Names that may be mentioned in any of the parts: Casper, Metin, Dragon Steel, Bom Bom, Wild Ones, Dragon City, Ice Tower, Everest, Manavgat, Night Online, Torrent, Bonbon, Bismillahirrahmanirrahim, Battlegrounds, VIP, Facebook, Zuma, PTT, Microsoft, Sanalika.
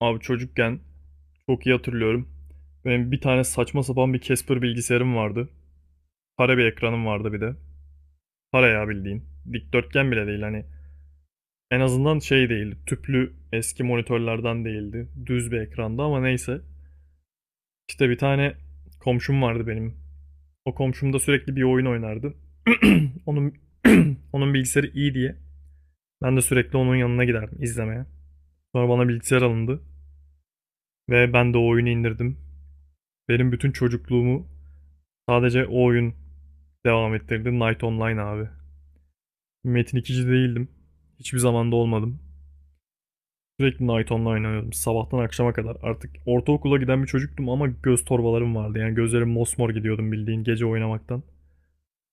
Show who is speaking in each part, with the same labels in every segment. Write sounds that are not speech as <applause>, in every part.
Speaker 1: Abi çocukken çok iyi hatırlıyorum. Benim bir tane saçma sapan bir Casper bilgisayarım vardı. Kare bir ekranım vardı bir de. Kare ya bildiğin. Dikdörtgen bile değil hani. En azından şey değildi. Tüplü eski monitörlerden değildi. Düz bir ekrandı ama neyse. İşte bir tane komşum vardı benim. O komşum da sürekli bir oyun oynardı. <clears throat> <laughs> Onun <laughs> onun bilgisayarı iyi diye ben de sürekli onun yanına giderdim izlemeye. Sonra bana bilgisayar alındı ve ben de o oyunu indirdim. Benim bütün çocukluğumu sadece o oyun devam ettirdi Night Online abi. Metin ikici değildim. Hiçbir zamanda olmadım. Sürekli Night Online oynuyordum sabahtan akşama kadar. Artık ortaokula giden bir çocuktum ama göz torbalarım vardı. Yani gözlerim mosmor gidiyordum bildiğin gece oynamaktan.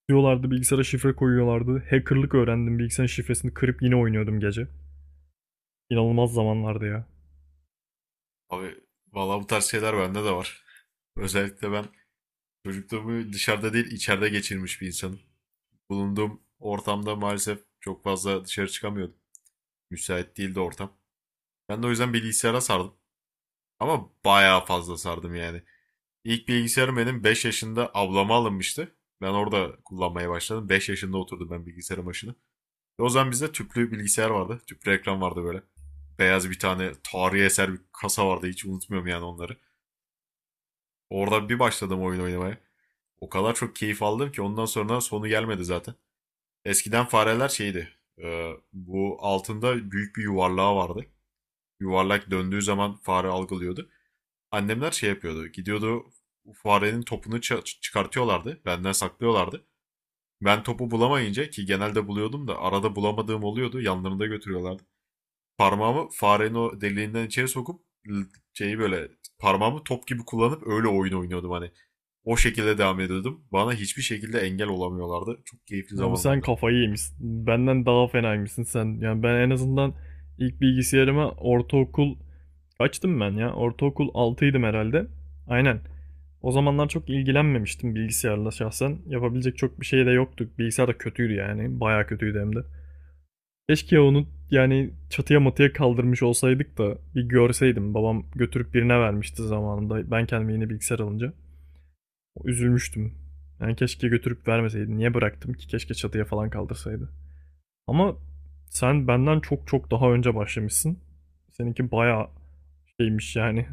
Speaker 1: Diyorlardı, bilgisayara şifre koyuyorlardı. Hackerlık öğrendim. Bilgisayarın şifresini kırıp yine oynuyordum gece. İnanılmaz zamanlardı ya.
Speaker 2: Abi valla bu tarz şeyler bende de var. Özellikle ben çocukluğumu dışarıda değil içeride geçirmiş bir insanım. Bulunduğum ortamda maalesef çok fazla dışarı çıkamıyordum. Müsait değildi ortam. Ben de o yüzden bilgisayara sardım. Ama bayağı fazla sardım yani. İlk bilgisayarım benim 5 yaşında ablama alınmıştı. Ben orada kullanmaya başladım. 5 yaşında oturdum ben bilgisayarın başına. Ve o zaman bizde tüplü bilgisayar vardı. Tüplü ekran vardı böyle. Beyaz bir tane tarihi eser bir kasa vardı. Hiç unutmuyorum yani onları. Orada bir başladım oyun oynamaya. O kadar çok keyif aldım ki ondan sonra sonu gelmedi zaten. Eskiden fareler şeydi. Bu altında büyük bir yuvarlağı vardı. Yuvarlak döndüğü zaman fare algılıyordu. Annemler şey yapıyordu. Gidiyordu farenin topunu çıkartıyorlardı. Benden saklıyorlardı. Ben topu bulamayınca ki genelde buluyordum da arada bulamadığım oluyordu. Yanlarında götürüyorlardı. Parmağımı farenin o deliğinden içeri sokup şeyi böyle parmağımı top gibi kullanıp öyle oyun oynuyordum hani. O şekilde devam ediyordum. Bana hiçbir şekilde engel olamıyorlardı. Çok keyifli
Speaker 1: Abi sen
Speaker 2: zamanlardı.
Speaker 1: kafayı yemişsin. Benden daha fenaymışsın sen. Yani ben en azından ilk bilgisayarıma ortaokul kaçtım ben ya? Ortaokul altıydım herhalde. Aynen. O zamanlar çok ilgilenmemiştim bilgisayarla şahsen. Yapabilecek çok bir şey de yoktu. Bilgisayar da kötüydü yani. Bayağı kötüydü hem de. Keşke onu, yani çatıya matıya kaldırmış olsaydık da bir görseydim. Babam götürüp birine vermişti zamanında, ben kendime yeni bilgisayar alınca. Üzülmüştüm. Yani keşke götürüp vermeseydi. Niye bıraktım ki? Keşke çatıya falan kaldırsaydı. Ama sen benden çok çok daha önce başlamışsın. Seninki bayağı şeymiş yani.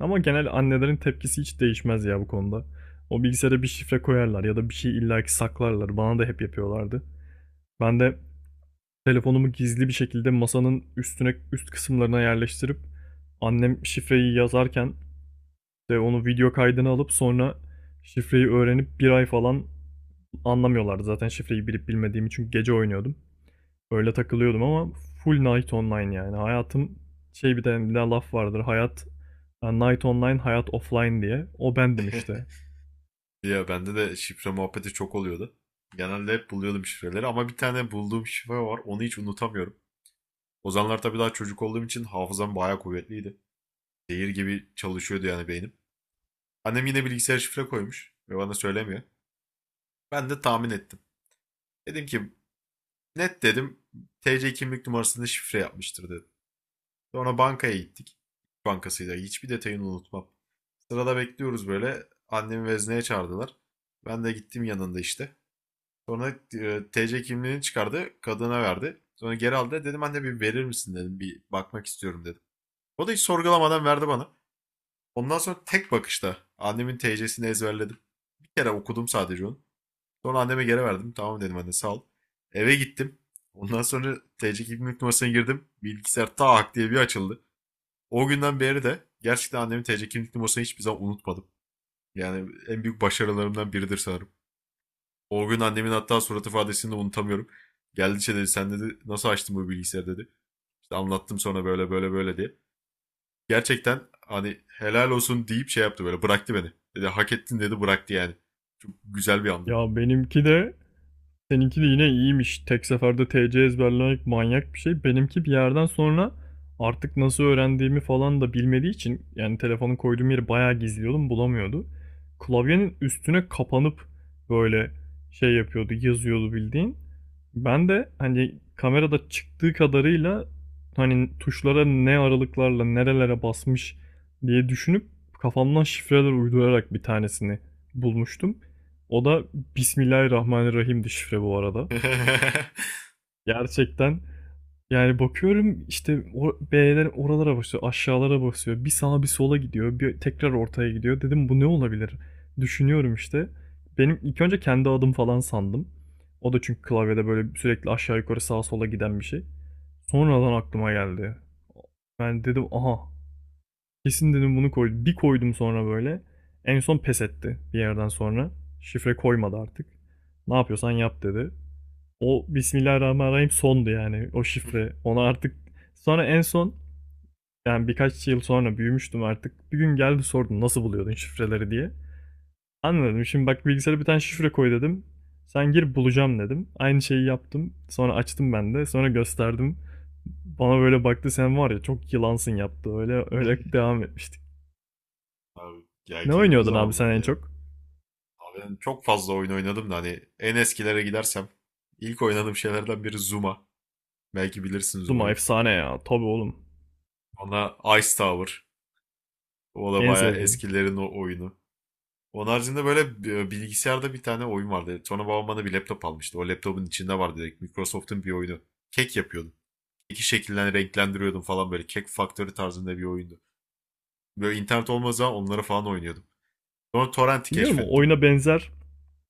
Speaker 1: Ama genel annelerin tepkisi hiç değişmez ya bu konuda. O bilgisayara bir şifre koyarlar ya da bir şey illaki saklarlar. Bana da hep yapıyorlardı. Ben de telefonumu gizli bir şekilde masanın üstüne, üst kısımlarına yerleştirip annem şifreyi yazarken de onu, video kaydını alıp sonra şifreyi öğrenip bir ay falan. Anlamıyorlardı zaten şifreyi bilip bilmediğimi, çünkü gece oynuyordum. Öyle takılıyordum ama full Night Online yani. Hayatım, şey, bir de laf vardır. Hayat, yani Night Online, hayat offline diye. O bendim işte.
Speaker 2: <laughs> Ya bende de şifre muhabbeti çok oluyordu. Genelde hep buluyordum şifreleri ama bir tane bulduğum şifre var. Onu hiç unutamıyorum. O zamanlar tabii daha çocuk olduğum için hafızam bayağı kuvvetliydi. Zehir gibi çalışıyordu yani beynim. Annem yine bilgisayar şifre koymuş ve bana söylemiyor. Ben de tahmin ettim. Dedim ki net dedim TC kimlik numarasını şifre yapmıştır dedim. Sonra bankaya gittik. Bankasıyla hiçbir detayını unutmam. Sırada bekliyoruz böyle. Annemi vezneye çağırdılar. Ben de gittim yanında işte. Sonra TC kimliğini çıkardı. Kadına verdi. Sonra geri aldı. Dedim anne bir verir misin dedim. Bir bakmak istiyorum dedim. O da hiç sorgulamadan verdi bana. Ondan sonra tek bakışta annemin TC'sini ezberledim. Bir kere okudum sadece onu. Sonra anneme geri verdim. Tamam dedim anne sağ ol. Eve gittim. Ondan sonra TC kimlik numarasına girdim. Bilgisayar tak diye bir açıldı. O günden beri de gerçekten annemin TC kimlik numarasını hiçbir zaman unutmadım. Yani en büyük başarılarımdan biridir sanırım. O gün annemin hatta surat ifadesini de unutamıyorum. Geldi şey dedi sen dedi nasıl açtın bu bilgisayarı dedi. İşte anlattım sonra böyle böyle böyle diye. Gerçekten hani helal olsun deyip şey yaptı böyle bıraktı beni. Dedi hak ettin dedi bıraktı yani. Çok güzel bir andı.
Speaker 1: Ya benimki de, seninki de yine iyiymiş. Tek seferde TC ezberlemek manyak bir şey. Benimki bir yerden sonra, artık nasıl öğrendiğimi falan da bilmediği için, yani telefonu koyduğum yeri bayağı gizliyordum, bulamıyordu. Klavyenin üstüne kapanıp böyle şey yapıyordu, yazıyordu bildiğin. Ben de hani kamerada çıktığı kadarıyla hani tuşlara ne aralıklarla nerelere basmış diye düşünüp kafamdan şifreler uydurarak bir tanesini bulmuştum. O da Bismillahirrahmanirrahim'di şifre bu arada.
Speaker 2: <laughs>
Speaker 1: Gerçekten, yani bakıyorum işte, o B'ler, oralara basıyor, aşağılara basıyor. Bir sağa bir sola gidiyor, bir tekrar ortaya gidiyor. Dedim bu ne olabilir? Düşünüyorum işte. Benim ilk önce kendi adım falan sandım. O da çünkü klavyede böyle sürekli aşağı yukarı sağa sola giden bir şey. Sonradan aklıma geldi. Ben dedim aha, kesin dedim, bunu koydum. Bir koydum sonra böyle. En son pes etti bir yerden sonra. Şifre koymadı artık. Ne yapıyorsan yap dedi. O Bismillahirrahmanirrahim sondu yani o şifre. Ona artık, sonra en son, yani birkaç yıl sonra büyümüştüm artık. Bir gün geldi sordu nasıl buluyordun şifreleri diye. Anladım. Şimdi bak, bilgisayara bir tane şifre koy dedim. Sen gir, bulacağım dedim. Aynı şeyi yaptım. Sonra açtım ben de. Sonra gösterdim. Bana böyle baktı, sen var ya çok yılansın yaptı. Öyle öyle devam etmiştik.
Speaker 2: Abi, ya
Speaker 1: Ne
Speaker 2: keyifli
Speaker 1: oynuyordun abi sen
Speaker 2: zamanlardı
Speaker 1: en
Speaker 2: ya.
Speaker 1: çok?
Speaker 2: Ben çok fazla oyun oynadım da hani en eskilere gidersem ilk oynadığım şeylerden biri Zuma. Belki bilirsin
Speaker 1: Zuma
Speaker 2: Zuma'yı.
Speaker 1: efsane ya. Tabii oğlum.
Speaker 2: Ona Ice Tower. O da
Speaker 1: En
Speaker 2: bayağı
Speaker 1: sevdiğim.
Speaker 2: eskilerin o oyunu. Onun haricinde böyle bilgisayarda bir tane oyun vardı. Sonra babam bana bir laptop almıştı. O laptopun içinde vardı direkt. Microsoft'un bir oyunu. Kek yapıyordum. Keki şekillen renklendiriyordum falan böyle. Kek Factory tarzında bir oyundu. Böyle internet olmadığı zaman onları falan oynuyordum. Sonra Torrent'i
Speaker 1: Biliyorum, o
Speaker 2: keşfettim.
Speaker 1: oyuna benzer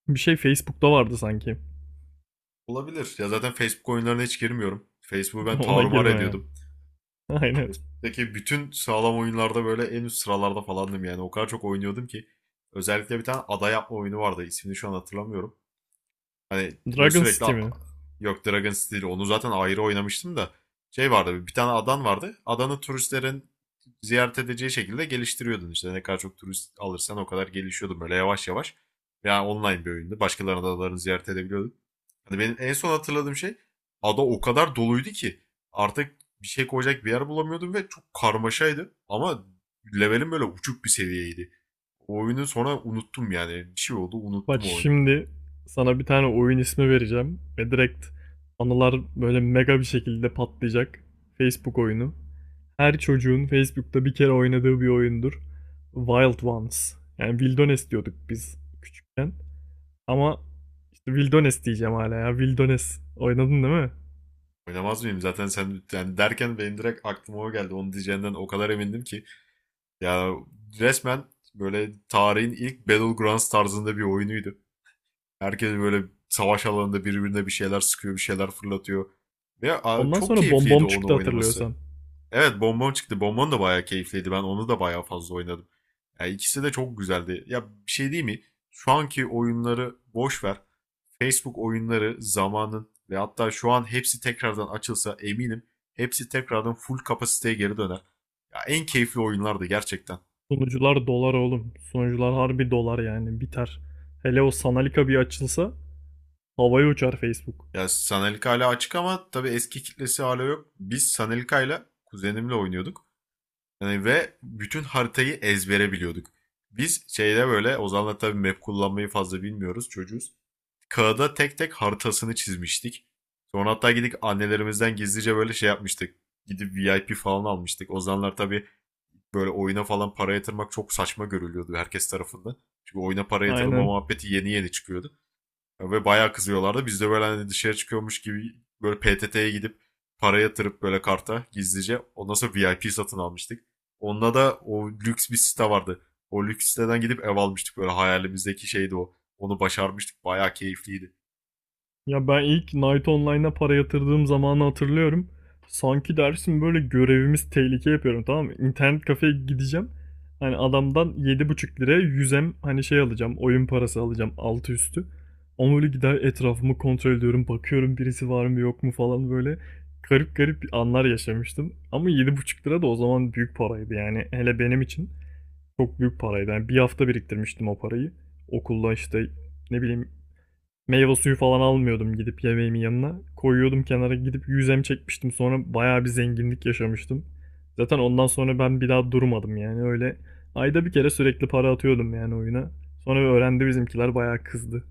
Speaker 1: bir şey Facebook'ta vardı sanki.
Speaker 2: Olabilir. Ya zaten Facebook oyunlarına hiç girmiyorum. Facebook'u
Speaker 1: <laughs>
Speaker 2: ben
Speaker 1: Ona
Speaker 2: tarumar
Speaker 1: girme ya.
Speaker 2: ediyordum.
Speaker 1: <laughs> Aynen.
Speaker 2: Evet. Peki bütün sağlam oyunlarda böyle en üst sıralarda falandım yani. O kadar çok oynuyordum ki. Özellikle bir tane ada yapma oyunu vardı. İsmini şu an hatırlamıyorum. Hani böyle
Speaker 1: Dragon
Speaker 2: sürekli
Speaker 1: City mi?
Speaker 2: yok Dragon Steel onu zaten ayrı oynamıştım da. Şey vardı bir tane adan vardı. Adanı turistlerin ziyaret edeceği şekilde geliştiriyordun işte. Ne kadar çok turist alırsan o kadar gelişiyordu böyle yavaş yavaş. Yani online bir oyundu. Başkalarının adalarını ziyaret edebiliyordun. Yani benim en son hatırladığım şey ada o kadar doluydu ki artık bir şey koyacak bir yer bulamıyordum ve çok karmaşaydı. Ama levelim böyle uçuk bir seviyeydi. O oyunu sonra unuttum yani. Bir şey oldu
Speaker 1: Bak
Speaker 2: unuttum o oyunu.
Speaker 1: şimdi, sana bir tane oyun ismi vereceğim ve direkt anılar böyle mega bir şekilde patlayacak. Facebook oyunu. Her çocuğun Facebook'ta bir kere oynadığı bir oyundur. Wild Ones. Yani Wildones diyorduk biz küçükken. Ama işte Wildones diyeceğim hala ya. Wildones. Oynadın değil mi?
Speaker 2: Oynamaz mıyım? Zaten sen yani derken benim direkt aklıma o geldi. Onu diyeceğinden o kadar emindim ki. Ya resmen böyle tarihin ilk Battlegrounds tarzında bir oyunuydu. Herkes böyle savaş alanında birbirine bir şeyler sıkıyor, bir şeyler fırlatıyor. Ve
Speaker 1: Ondan
Speaker 2: çok
Speaker 1: sonra Bom
Speaker 2: keyifliydi
Speaker 1: Bom
Speaker 2: onu
Speaker 1: çıktı,
Speaker 2: oynaması.
Speaker 1: hatırlıyorsan.
Speaker 2: Evet Bonbon çıktı. Bonbon da bayağı keyifliydi. Ben onu da bayağı fazla oynadım. Yani ikisi de çok güzeldi. Ya bir şey değil mi? Şu anki oyunları boş ver. Facebook oyunları zamanın ve hatta şu an hepsi tekrardan açılsa eminim hepsi tekrardan full kapasiteye geri döner. Ya en keyifli oyunlardı gerçekten.
Speaker 1: Sunucular dolar oğlum. Sunucular harbi dolar, yani biter. Hele o Sanalika bir açılsa, havaya uçar Facebook.
Speaker 2: Ya Sanalika hala açık ama tabii eski kitlesi hala yok. Biz Sanalika'yla kuzenimle oynuyorduk. Yani ve bütün haritayı ezbere biliyorduk. Biz şeyde böyle Ozan'la tabii map kullanmayı fazla bilmiyoruz çocuğuz. Kağıda tek tek haritasını çizmiştik. Sonra hatta gidip annelerimizden gizlice böyle şey yapmıştık. Gidip VIP falan almıştık. Ozanlar tabii böyle oyuna falan para yatırmak çok saçma görülüyordu herkes tarafından. Çünkü oyuna para yatırılma
Speaker 1: Aynen.
Speaker 2: muhabbeti yeni yeni çıkıyordu. Ve bayağı kızıyorlardı. Biz de böyle hani dışarı çıkıyormuş gibi böyle PTT'ye gidip para yatırıp böyle karta gizlice. Ondan sonra VIP satın almıştık. Onda da o lüks bir site vardı. O lüks siteden gidip ev almıştık böyle hayalimizdeki şeydi o. Onu başarmıştık. Bayağı keyifliydi.
Speaker 1: Ya ben ilk Night Online'a para yatırdığım zamanı hatırlıyorum. Sanki dersin böyle görevimiz tehlike yapıyorum, tamam mı? İnternet kafeye gideceğim. Hani adamdan 7,5 liraya yüzem, hani şey alacağım, oyun parası alacağım altı üstü. Ama böyle gider etrafımı kontrol ediyorum. Bakıyorum birisi var mı yok mu falan böyle. Garip garip anlar yaşamıştım. Ama 7,5 lira da o zaman büyük paraydı yani. Hele benim için. Çok büyük paraydı. Yani bir hafta biriktirmiştim o parayı. Okulda işte, ne bileyim, meyve suyu falan almıyordum gidip yemeğimin yanına. Koyuyordum kenara, gidip yüzem çekmiştim. Sonra bayağı bir zenginlik yaşamıştım. Zaten ondan sonra ben bir daha durmadım yani öyle. Ayda bir kere sürekli para atıyordum yani oyuna. Sonra öğrendi bizimkiler, bayağı kızdı.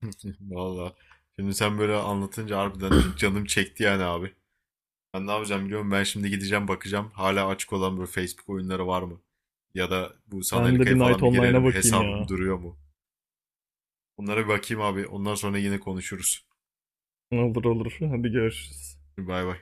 Speaker 2: <laughs> Valla. Şimdi sen böyle anlatınca harbiden canım çekti yani abi. Ben ne yapacağım biliyorum. Ben şimdi gideceğim bakacağım. Hala açık olan böyle Facebook oyunları var mı? Ya da bu
Speaker 1: Ben
Speaker 2: sanal
Speaker 1: de bir Night
Speaker 2: falan bir
Speaker 1: Online'a
Speaker 2: girerim.
Speaker 1: bakayım
Speaker 2: Hesabım
Speaker 1: ya.
Speaker 2: duruyor mu? Bunlara bir bakayım abi. Ondan sonra yine konuşuruz.
Speaker 1: Olur olur. Hadi görüşürüz.
Speaker 2: Bay bay.